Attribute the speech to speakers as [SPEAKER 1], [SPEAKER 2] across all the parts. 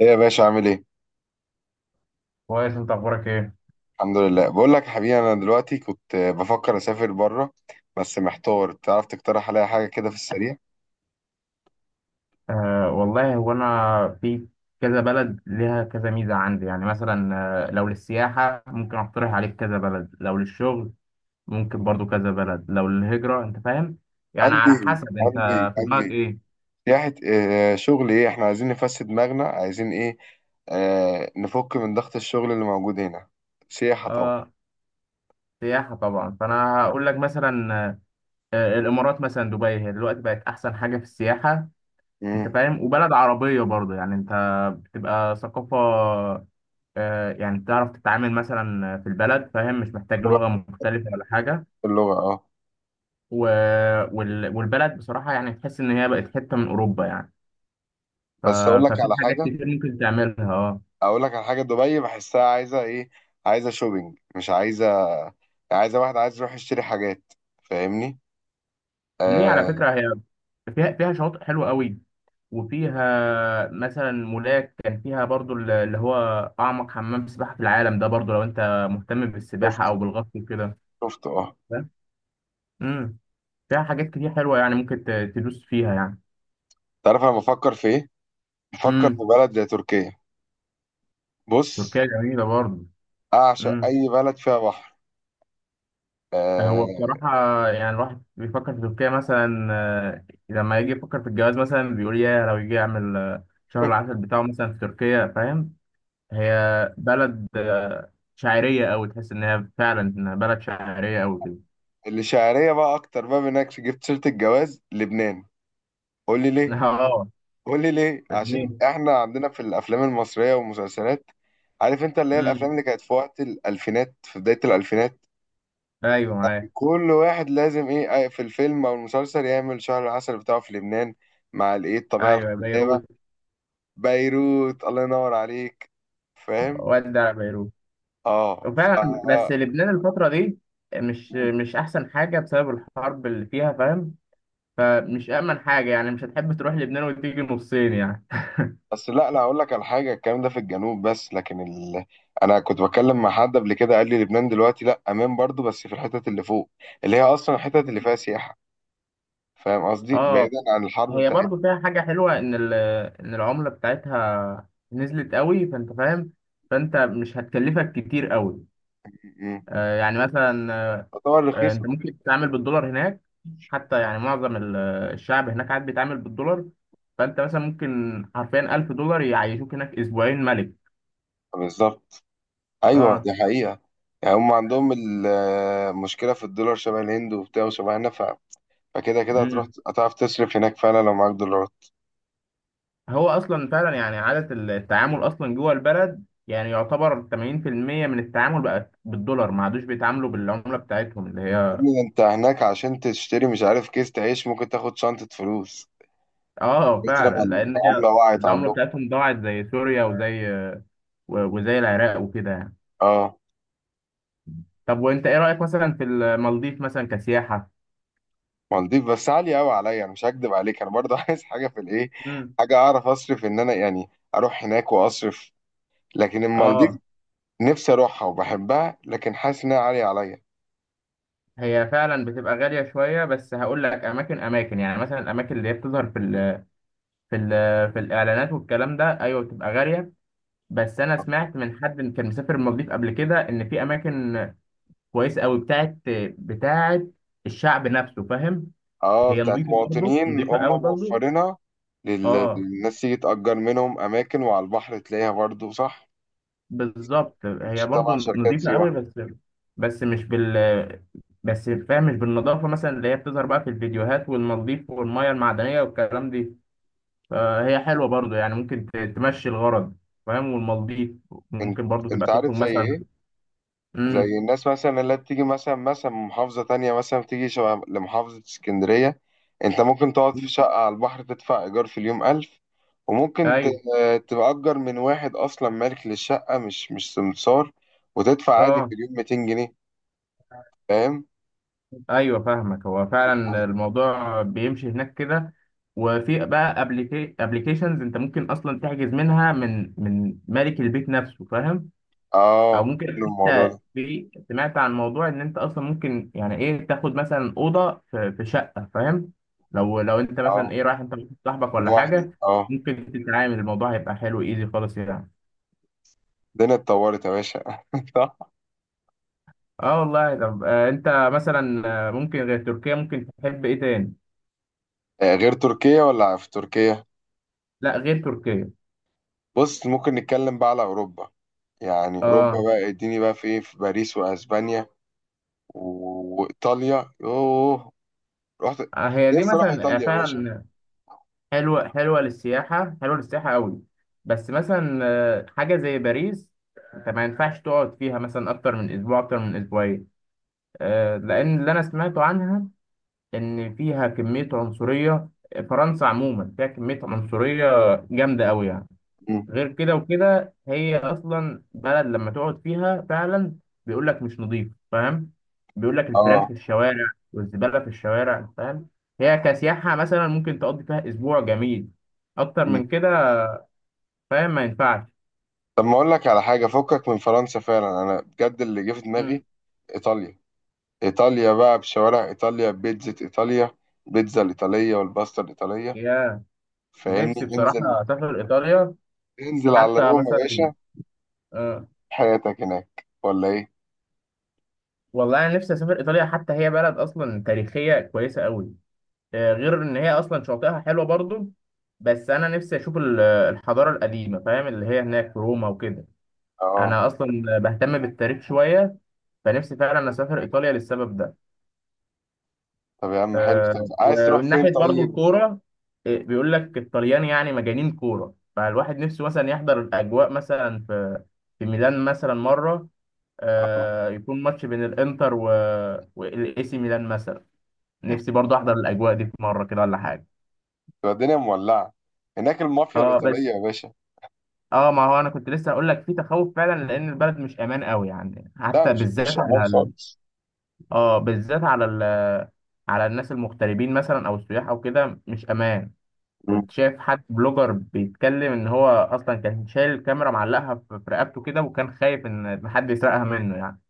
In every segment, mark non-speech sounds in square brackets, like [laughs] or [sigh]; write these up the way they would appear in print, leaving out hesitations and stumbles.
[SPEAKER 1] ايه يا باشا، عامل ايه؟
[SPEAKER 2] كويس، انت اخبارك ايه؟
[SPEAKER 1] الحمد لله. بقول لك يا حبيبي، انا دلوقتي كنت بفكر اسافر بره. بس محتار، تعرف تقترح عليا حاجه كده في السريع؟
[SPEAKER 2] آه والله هو انا في كذا بلد ليها كذا ميزه عندي، يعني مثلا لو للسياحه ممكن اقترح عليك كذا بلد، لو للشغل ممكن برضو كذا بلد، لو للهجره انت فاهم يعني على
[SPEAKER 1] قلبي
[SPEAKER 2] حسب انت
[SPEAKER 1] قلبي
[SPEAKER 2] في دماغك
[SPEAKER 1] قلبي،
[SPEAKER 2] ايه.
[SPEAKER 1] سياحه شغل ايه، احنا عايزين نفسد دماغنا، عايزين ايه، آه، نفك من ضغط الشغل اللي موجود هنا. سياحه طبعا.
[SPEAKER 2] اه، سياحه طبعا. فانا هقول لك مثلا الامارات مثلا، دبي هي دلوقتي بقت احسن حاجه في السياحه. انت
[SPEAKER 1] امم.
[SPEAKER 2] فاهم وبلد عربيه برضو، يعني انت بتبقى ثقافه. يعني تعرف تتعامل مثلا في البلد، فاهم، مش محتاج
[SPEAKER 1] لغه،
[SPEAKER 2] لغة مختلفة ولا حاجة.
[SPEAKER 1] اللغه اه.
[SPEAKER 2] و- والبلد بصراحة يعني تحس إن هي بقت حتة من أوروبا يعني. ف-
[SPEAKER 1] بس اقول لك
[SPEAKER 2] ففي
[SPEAKER 1] على
[SPEAKER 2] حاجات
[SPEAKER 1] حاجه،
[SPEAKER 2] كتير ممكن تعملها. اه،
[SPEAKER 1] اقول لك على حاجه. دبي بحسها عايزه ايه؟ عايزه شوبينج، مش عايزه، عايزه واحد عايز يروح يشتري حاجات. فاهمني؟
[SPEAKER 2] ليه؟ على
[SPEAKER 1] آه.
[SPEAKER 2] فكرة هي فيها شواطئ حلوة قوي، وفيها مثلا مولاك، كان فيها برضو اللي هو أعمق حمام سباحة في العالم، ده برضو لو أنت مهتم بالسباحة أو بالغطس وكده.
[SPEAKER 1] شفت اه.
[SPEAKER 2] فاهم؟ امم، فيها حاجات كتير حلوة يعني، ممكن تدوس فيها يعني.
[SPEAKER 1] تعرف انا بفكر في ايه؟ بفكر في
[SPEAKER 2] امم،
[SPEAKER 1] بلد زي تركيا. بص،
[SPEAKER 2] تركيا جميلة برضو.
[SPEAKER 1] اعشق اي بلد فيها بحر. آه.
[SPEAKER 2] هو بصراحة يعني الواحد بيفكر في تركيا مثلا، لما يجي يفكر في الجواز مثلا، بيقول يا لو يجي يعمل شهر
[SPEAKER 1] [laughs]
[SPEAKER 2] العسل بتاعه مثلا في تركيا، فاهم. هي بلد شاعرية أوي، تحس إن هي فعلا إنها بلد شاعرية أوي كده.
[SPEAKER 1] اللي شعريه بقى، اكتر بقى منك، جبت سيره الجواز لبنان. قول لي
[SPEAKER 2] [laughs]
[SPEAKER 1] ليه،
[SPEAKER 2] اه.
[SPEAKER 1] قول لي ليه،
[SPEAKER 2] ليه؟
[SPEAKER 1] عشان احنا عندنا في الافلام المصريه والمسلسلات، عارف انت، اللي هي الافلام
[SPEAKER 2] امم،
[SPEAKER 1] اللي كانت في وقت الالفينات، في بدايه الالفينات،
[SPEAKER 2] أيوه معايا.
[SPEAKER 1] كل واحد لازم ايه، في الفيلم او المسلسل، يعمل شهر العسل بتاعه في لبنان، مع الايه، الطبيعه
[SPEAKER 2] أيوه،
[SPEAKER 1] الخلابه.
[SPEAKER 2] بيروت.
[SPEAKER 1] بيروت، الله ينور عليك. فاهم.
[SPEAKER 2] ودع بيروت.
[SPEAKER 1] اه. ف
[SPEAKER 2] وفعلا بس لبنان الفترة دي مش أحسن حاجة، بسبب الحرب اللي فيها فاهم. فمش أأمن حاجة يعني، مش هتحب تروح لبنان وتيجي نصين يعني.
[SPEAKER 1] بس، لا لا، اقول لك على حاجه، الكلام ده في الجنوب بس، لكن ال... انا كنت بتكلم مع حد قبل كده، قال لي لبنان دلوقتي لا امان برضو، بس في الحتت اللي فوق، اللي هي اصلا الحتت اللي فيها سياحه. فاهم قصدي،
[SPEAKER 2] اه،
[SPEAKER 1] بعيدا عن الحرب
[SPEAKER 2] هي برضو
[SPEAKER 1] بتاعتنا.
[SPEAKER 2] فيها حاجة حلوة، إن إن العملة بتاعتها نزلت قوي، فأنت فاهم، فأنت مش هتكلفك كتير قوي.
[SPEAKER 1] م- م.
[SPEAKER 2] آه يعني مثلا،
[SPEAKER 1] تعتبر
[SPEAKER 2] أنت
[SPEAKER 1] رخيصه.
[SPEAKER 2] ممكن تتعامل بالدولار هناك. حتى يعني معظم الشعب هناك قاعد بيتعامل بالدولار. فأنت مثلا ممكن حرفيا ألف دولار يعيشوك هناك أسبوعين ملك.
[SPEAKER 1] بالظبط، ايوه
[SPEAKER 2] اه.
[SPEAKER 1] دي حقيقه. يعني هم عندهم المشكله في الدولار شبه الهند وبتاع، وشبهنا ف... فكده كده هتروح،
[SPEAKER 2] امم،
[SPEAKER 1] هتعرف تصرف هناك فعلا لو معاك دولارات.
[SPEAKER 2] هو أصلا فعلا يعني عادة التعامل أصلا جوه البلد يعني يعتبر 80% من التعامل بقى بالدولار، ما عادوش بيتعاملوا بالعملة بتاعتهم اللي
[SPEAKER 1] يا
[SPEAKER 2] هي.
[SPEAKER 1] ابني، ده انت هناك عشان تشتري، مش عارف كيس تعيش، ممكن تاخد شنطه فلوس.
[SPEAKER 2] اه
[SPEAKER 1] قلت
[SPEAKER 2] فعلا،
[SPEAKER 1] لما
[SPEAKER 2] لان هي
[SPEAKER 1] العملة وقعت
[SPEAKER 2] العمله
[SPEAKER 1] عندهم.
[SPEAKER 2] بتاعتهم ضاعت زي سوريا وزي وزي العراق وكده يعني.
[SPEAKER 1] اه.
[SPEAKER 2] طب وانت ايه رايك مثلا في المالديف مثلا كسياحه؟
[SPEAKER 1] مالديف بس عالية قوي عليا، انا مش هكدب عليك. انا برضه [laughs] عايز حاجة في الايه،
[SPEAKER 2] امم.
[SPEAKER 1] حاجة اعرف اصرف ان انا يعني، اروح هناك واصرف. لكن المالديف،
[SPEAKER 2] اه،
[SPEAKER 1] نفسي اروحها وبحبها، لكن حاسس انها عالية عليا.
[SPEAKER 2] هي فعلا بتبقى غاليه شويه، بس هقول لك اماكن يعني مثلا الاماكن اللي هي بتظهر في ال في الاعلانات والكلام ده ايوه بتبقى غاليه. بس انا سمعت من حد إن كان مسافر المالديف قبل كده ان في اماكن كويسه قوي، بتاعت الشعب نفسه فاهم.
[SPEAKER 1] اه
[SPEAKER 2] هي
[SPEAKER 1] بتاعت
[SPEAKER 2] نظيفه برضه،
[SPEAKER 1] مواطنين،
[SPEAKER 2] نظيفه
[SPEAKER 1] هم
[SPEAKER 2] قوي برضه.
[SPEAKER 1] موفرينها
[SPEAKER 2] اه،
[SPEAKER 1] للناس تيجي تأجر منهم اماكن، وعلى البحر تلاقيها برضه، صح؟
[SPEAKER 2] بالظبط،
[SPEAKER 1] مش
[SPEAKER 2] هي برضو
[SPEAKER 1] تبع شركات
[SPEAKER 2] نظيفة قوي.
[SPEAKER 1] سياحة.
[SPEAKER 2] بس بس مش بال بس فاهم مش بالنظافة مثلا اللي هي بتظهر بقى في الفيديوهات والمضيف والمية المعدنية والكلام دي. فهي حلوة برضو يعني، ممكن تمشي الغرض فاهم. والمضيف
[SPEAKER 1] انت،
[SPEAKER 2] ممكن برضو تبقى
[SPEAKER 1] انت
[SPEAKER 2] تخرج
[SPEAKER 1] عارف زي
[SPEAKER 2] مثلا.
[SPEAKER 1] ايه؟ زي
[SPEAKER 2] امم.
[SPEAKER 1] الناس مثلا اللي بتيجي مثلا من محافظة تانية، مثلا بتيجي شبه لمحافظة اسكندرية. انت ممكن تقعد في شقة على البحر تدفع ايجار في اليوم 1000، وممكن
[SPEAKER 2] ايوه.
[SPEAKER 1] تأجر من واحد أصلا مالك للشقة، مش سمسار، وتدفع عادي
[SPEAKER 2] اه،
[SPEAKER 1] في اليوم 200 جنيه. فاهم؟
[SPEAKER 2] ايوه فاهمك، هو
[SPEAKER 1] في الحل.
[SPEAKER 2] فعلا الموضوع بيمشي هناك كده. وفي بقى ابلكيشنز انت ممكن اصلا تحجز منها من مالك البيت نفسه فاهم. او
[SPEAKER 1] اه.
[SPEAKER 2] ممكن
[SPEAKER 1] حلو الموضوع
[SPEAKER 2] حتى
[SPEAKER 1] ده.
[SPEAKER 2] في، سمعت عن موضوع ان انت اصلا ممكن يعني ايه تاخد مثلا اوضه في شقه فاهم. لو انت مثلا
[SPEAKER 1] اه،
[SPEAKER 2] ايه رايح انت وواحد صاحبك ولا
[SPEAKER 1] لوحدي
[SPEAKER 2] حاجه.
[SPEAKER 1] اه.
[SPEAKER 2] ممكن تتعامل، الموضوع هيبقى حلو ايزي خالص يعني.
[SPEAKER 1] الدنيا اتطورت يا باشا [laughs] صح.
[SPEAKER 2] اه والله. طب انت مثلا ممكن غير تركيا ممكن تحب ايه تاني؟
[SPEAKER 1] غير تركيا، ولا في تركيا؟
[SPEAKER 2] لا غير تركيا.
[SPEAKER 1] بص ممكن نتكلم بقى على أوروبا، يعني أوروبا
[SPEAKER 2] اه،
[SPEAKER 1] بقى، اديني بقى في ايه، في باريس وأسبانيا وايطاليا. يوه، رحت.
[SPEAKER 2] هي دي
[SPEAKER 1] نفسي اروح
[SPEAKER 2] مثلا
[SPEAKER 1] ايطاليا يا باشا.
[SPEAKER 2] فعلا حلوه للسياحه، حلوه للسياحه قوي. بس مثلا حاجه زي باريس، انت ما ينفعش تقعد فيها مثلا اكتر من اسبوع، اكتر من اسبوعين. لأن اللي أنا سمعته عنها إن فيها كمية عنصرية، فرنسا عموما فيها كمية عنصرية جامدة أوي يعني.
[SPEAKER 1] مم.
[SPEAKER 2] غير كده وكده هي أصلا بلد لما تقعد فيها فعلا بيقول لك مش نظيف، فاهم، بيقول لك الفيران
[SPEAKER 1] اه.
[SPEAKER 2] في الشوارع والزبالة في الشوارع، فاهم. هي كسياحة مثلا ممكن تقضي فيها أسبوع جميل، أكتر
[SPEAKER 1] مم.
[SPEAKER 2] من كده فاهم ما ينفعش.
[SPEAKER 1] طب ما اقول لك على حاجه، فكك من فرنسا، فعلا انا بجد اللي جه في دماغي
[SPEAKER 2] مم.
[SPEAKER 1] ايطاليا. ايطاليا بقى، بشوارع ايطاليا، بيتزا ايطاليا، بيتزا الايطاليه والباستا الايطاليه.
[SPEAKER 2] يا نفسي
[SPEAKER 1] فاهمني؟ انزل،
[SPEAKER 2] بصراحة أسافر إيطاليا
[SPEAKER 1] انزل على
[SPEAKER 2] حتى
[SPEAKER 1] روما يا
[SPEAKER 2] مثلا
[SPEAKER 1] باشا،
[SPEAKER 2] آه،
[SPEAKER 1] حياتك هناك، ولا ايه؟
[SPEAKER 2] والله انا نفسي اسافر ايطاليا حتى هي بلد اصلا تاريخيه كويسه قوي آه، غير ان هي اصلا شواطئها حلوه برضو بس انا نفسي اشوف ال- الحضاره القديمه فاهم اللي هي هناك في روما وكده
[SPEAKER 1] اه.
[SPEAKER 2] انا اصلا بهتم بالتاريخ شويه فنفسي فعلا اسافر ايطاليا للسبب ده
[SPEAKER 1] طب يا عم حلو، طب
[SPEAKER 2] آه،
[SPEAKER 1] عايز تروح
[SPEAKER 2] ومن
[SPEAKER 1] فين
[SPEAKER 2] ناحيه برضو
[SPEAKER 1] طيب؟
[SPEAKER 2] الكوره آه، بيقول لك الطليان يعني مجانين كوره فالواحد نفسه مثلا يحضر الاجواء مثلا في في ميلان مثلا مره
[SPEAKER 1] اه.
[SPEAKER 2] آه، يكون ماتش بين الانتر والاي سي ميلان مثلا نفسي برضه احضر الاجواء دي في مره كده ولا حاجه
[SPEAKER 1] تبقى الدنيا مولعه هناك، المافيا
[SPEAKER 2] اه
[SPEAKER 1] الايطاليه
[SPEAKER 2] بس
[SPEAKER 1] يا باشا.
[SPEAKER 2] اه ما هو انا كنت لسه هقول لك في تخوف فعلا لان البلد مش امان قوي يعني
[SPEAKER 1] لا،
[SPEAKER 2] حتى
[SPEAKER 1] مش
[SPEAKER 2] بالذات
[SPEAKER 1] مش امان
[SPEAKER 2] على ال...
[SPEAKER 1] خالص.
[SPEAKER 2] اه بالذات على ال... على الناس المغتربين مثلا او السياح او كده مش امان كنت شايف حد بلوجر بيتكلم ان هو اصلا كان شايل الكاميرا معلقها في في رقبته كده وكان خايف ان حد يسرقها منه يعني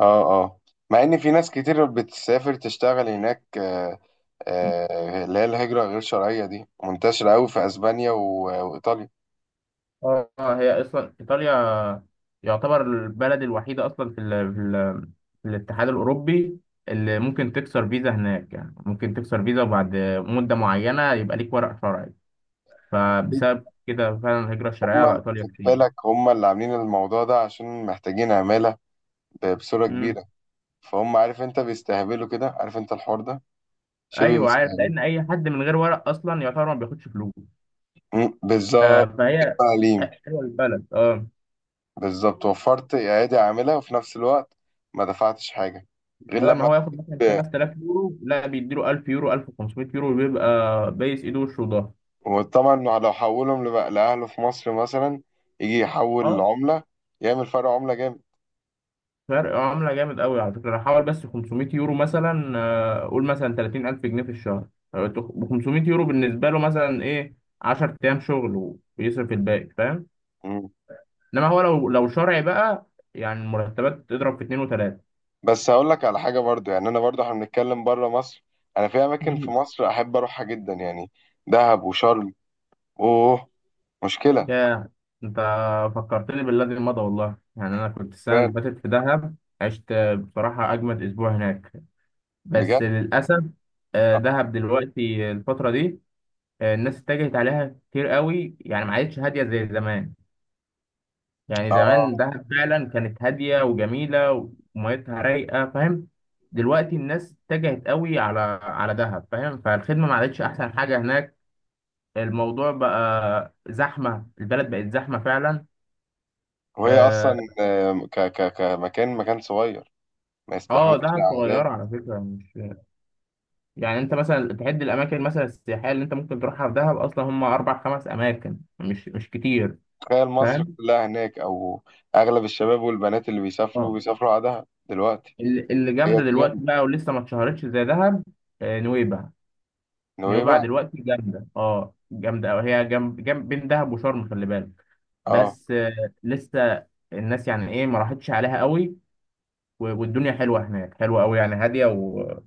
[SPEAKER 1] اه اه. مع ان في ناس كتير بتسافر تشتغل هناك، اللي هي الهجرة غير شرعية دي منتشرة قوي في اسبانيا وايطاليا.
[SPEAKER 2] اه هي اصلا ايطاليا يعتبر البلد الوحيده اصلا في ال في, ال في الاتحاد الاوروبي اللي ممكن تكسر فيزا هناك يعني ممكن تكسر فيزا وبعد مده معينه يبقى ليك ورق شرعي فبسبب كده فعلا الهجره الشرعيه
[SPEAKER 1] هم
[SPEAKER 2] على ايطاليا
[SPEAKER 1] خد
[SPEAKER 2] كتير
[SPEAKER 1] بالك، هم اللي عاملين الموضوع ده عشان محتاجين عمالة بصورة
[SPEAKER 2] امم
[SPEAKER 1] كبيرة. فهم، عارف انت، بيستهبلوا كده، عارف انت الحوار ده، شبه
[SPEAKER 2] ايوه عارف
[SPEAKER 1] بيستهبلوا.
[SPEAKER 2] لان اي حد من غير ورق اصلا يعتبر ما بياخدش فلوس
[SPEAKER 1] مم،
[SPEAKER 2] ف-
[SPEAKER 1] بالظبط.
[SPEAKER 2] فهي
[SPEAKER 1] تعليم.
[SPEAKER 2] حلوه البلد اه
[SPEAKER 1] بالظبط، وفرت ايادي عاملة، وفي نفس الوقت ما دفعتش حاجة. غير
[SPEAKER 2] بدل ما
[SPEAKER 1] لما،
[SPEAKER 2] هو ياخد مثلا 5000 يورو لا بيديله 1000 يورو 1500 يورو بيبقى بايس ايده وشه وضهره
[SPEAKER 1] وطبعا لو حولهم لبقى لأهله في مصر مثلا، يجي يحول العملة يعمل فرق عملة جامد.
[SPEAKER 2] فرق عملة جامد قوي على فكرة أنا حوالي بس 500 يورو مثلا آه، قول مثلا 30,000 جنيه في الشهر ب 500 يورو بالنسبة له مثلا إيه 10 أيام شغل ويصرف الباقي فاهم
[SPEAKER 1] مم.
[SPEAKER 2] إنما هو لو لو شرعي بقى يعني المرتبات تضرب في اتنين وتلاتة
[SPEAKER 1] بس هقول لك على حاجة برضو، يعني أنا برضو احنا بنتكلم بره مصر، أنا في أماكن في
[SPEAKER 2] مم.
[SPEAKER 1] مصر أحب أروحها جدا يعني، دهب وشرم. أوه، مشكلة.
[SPEAKER 2] يا أنت فكرتني بالذي مضى والله. يعني أنا كنت السنة اللي
[SPEAKER 1] مان،
[SPEAKER 2] فاتت في دهب، عشت بصراحة أجمد أسبوع هناك. بس
[SPEAKER 1] بجد.
[SPEAKER 2] للأسف دهب دلوقتي الفترة دي الناس اتجهت عليها كتير قوي، يعني ما عادتش هادية زي زمان. يعني زمان
[SPEAKER 1] آه.
[SPEAKER 2] دهب فعلا كانت هادية وجميلة وميتها رايقة فاهم. دلوقتي الناس اتجهت قوي على دهب فاهم، فالخدمة ما عادتش أحسن حاجة هناك. الموضوع بقى زحمة، البلد بقت زحمة فعلا.
[SPEAKER 1] وهي
[SPEAKER 2] اه.
[SPEAKER 1] أصلا، آه، ك ك كمكان مكان صغير، ما يستحملش
[SPEAKER 2] دهب
[SPEAKER 1] الأعداد.
[SPEAKER 2] صغيرة على فكرة، مش يعني انت مثلا تحد الاماكن مثلا السياحية اللي انت ممكن تروحها في دهب اصلا هم اربع خمس اماكن، مش كتير
[SPEAKER 1] تخيل مصر
[SPEAKER 2] فاهم.
[SPEAKER 1] كلها هناك، أو أغلب الشباب والبنات اللي بيسافروا،
[SPEAKER 2] اه،
[SPEAKER 1] بيسافروا على دهب دلوقتي.
[SPEAKER 2] اللي
[SPEAKER 1] هي
[SPEAKER 2] جامده دلوقتي
[SPEAKER 1] ترند.
[SPEAKER 2] بقى ولسه ما اتشهرتش زي دهب، نويبع. نويبع
[SPEAKER 1] نويبع.
[SPEAKER 2] دلوقتي جامده، اه جامده قوي، هي جنب بين دهب وشرم خلي بالك.
[SPEAKER 1] اه.
[SPEAKER 2] بس لسه الناس يعني ايه ما راحتش عليها قوي، والدنيا حلوه هناك، حلوه قوي يعني، هاديه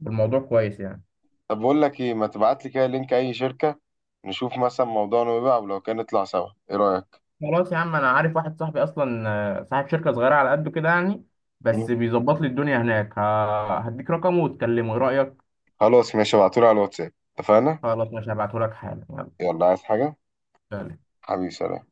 [SPEAKER 2] والموضوع كويس يعني.
[SPEAKER 1] طب بقول لك ايه، ما تبعت لي كده لينك اي شركة، نشوف مثلا موضوعنا، ويبقى ولو كان نطلع سوا، ايه رأيك؟
[SPEAKER 2] خلاص يا عم، انا عارف واحد صاحبي اصلا صاحب شركه صغيره على قده كده يعني،
[SPEAKER 1] مم.
[SPEAKER 2] بس بيظبط لي الدنيا هناك، هديك رقمه وتكلمه ايه رايك.
[SPEAKER 1] خلاص ماشي، ابعتولي على الواتساب. اتفقنا.
[SPEAKER 2] خلاص، مش هبعته لك حالا، يلا.
[SPEAKER 1] يلا، عايز حاجة؟
[SPEAKER 2] سلام.
[SPEAKER 1] حبيبي سلام.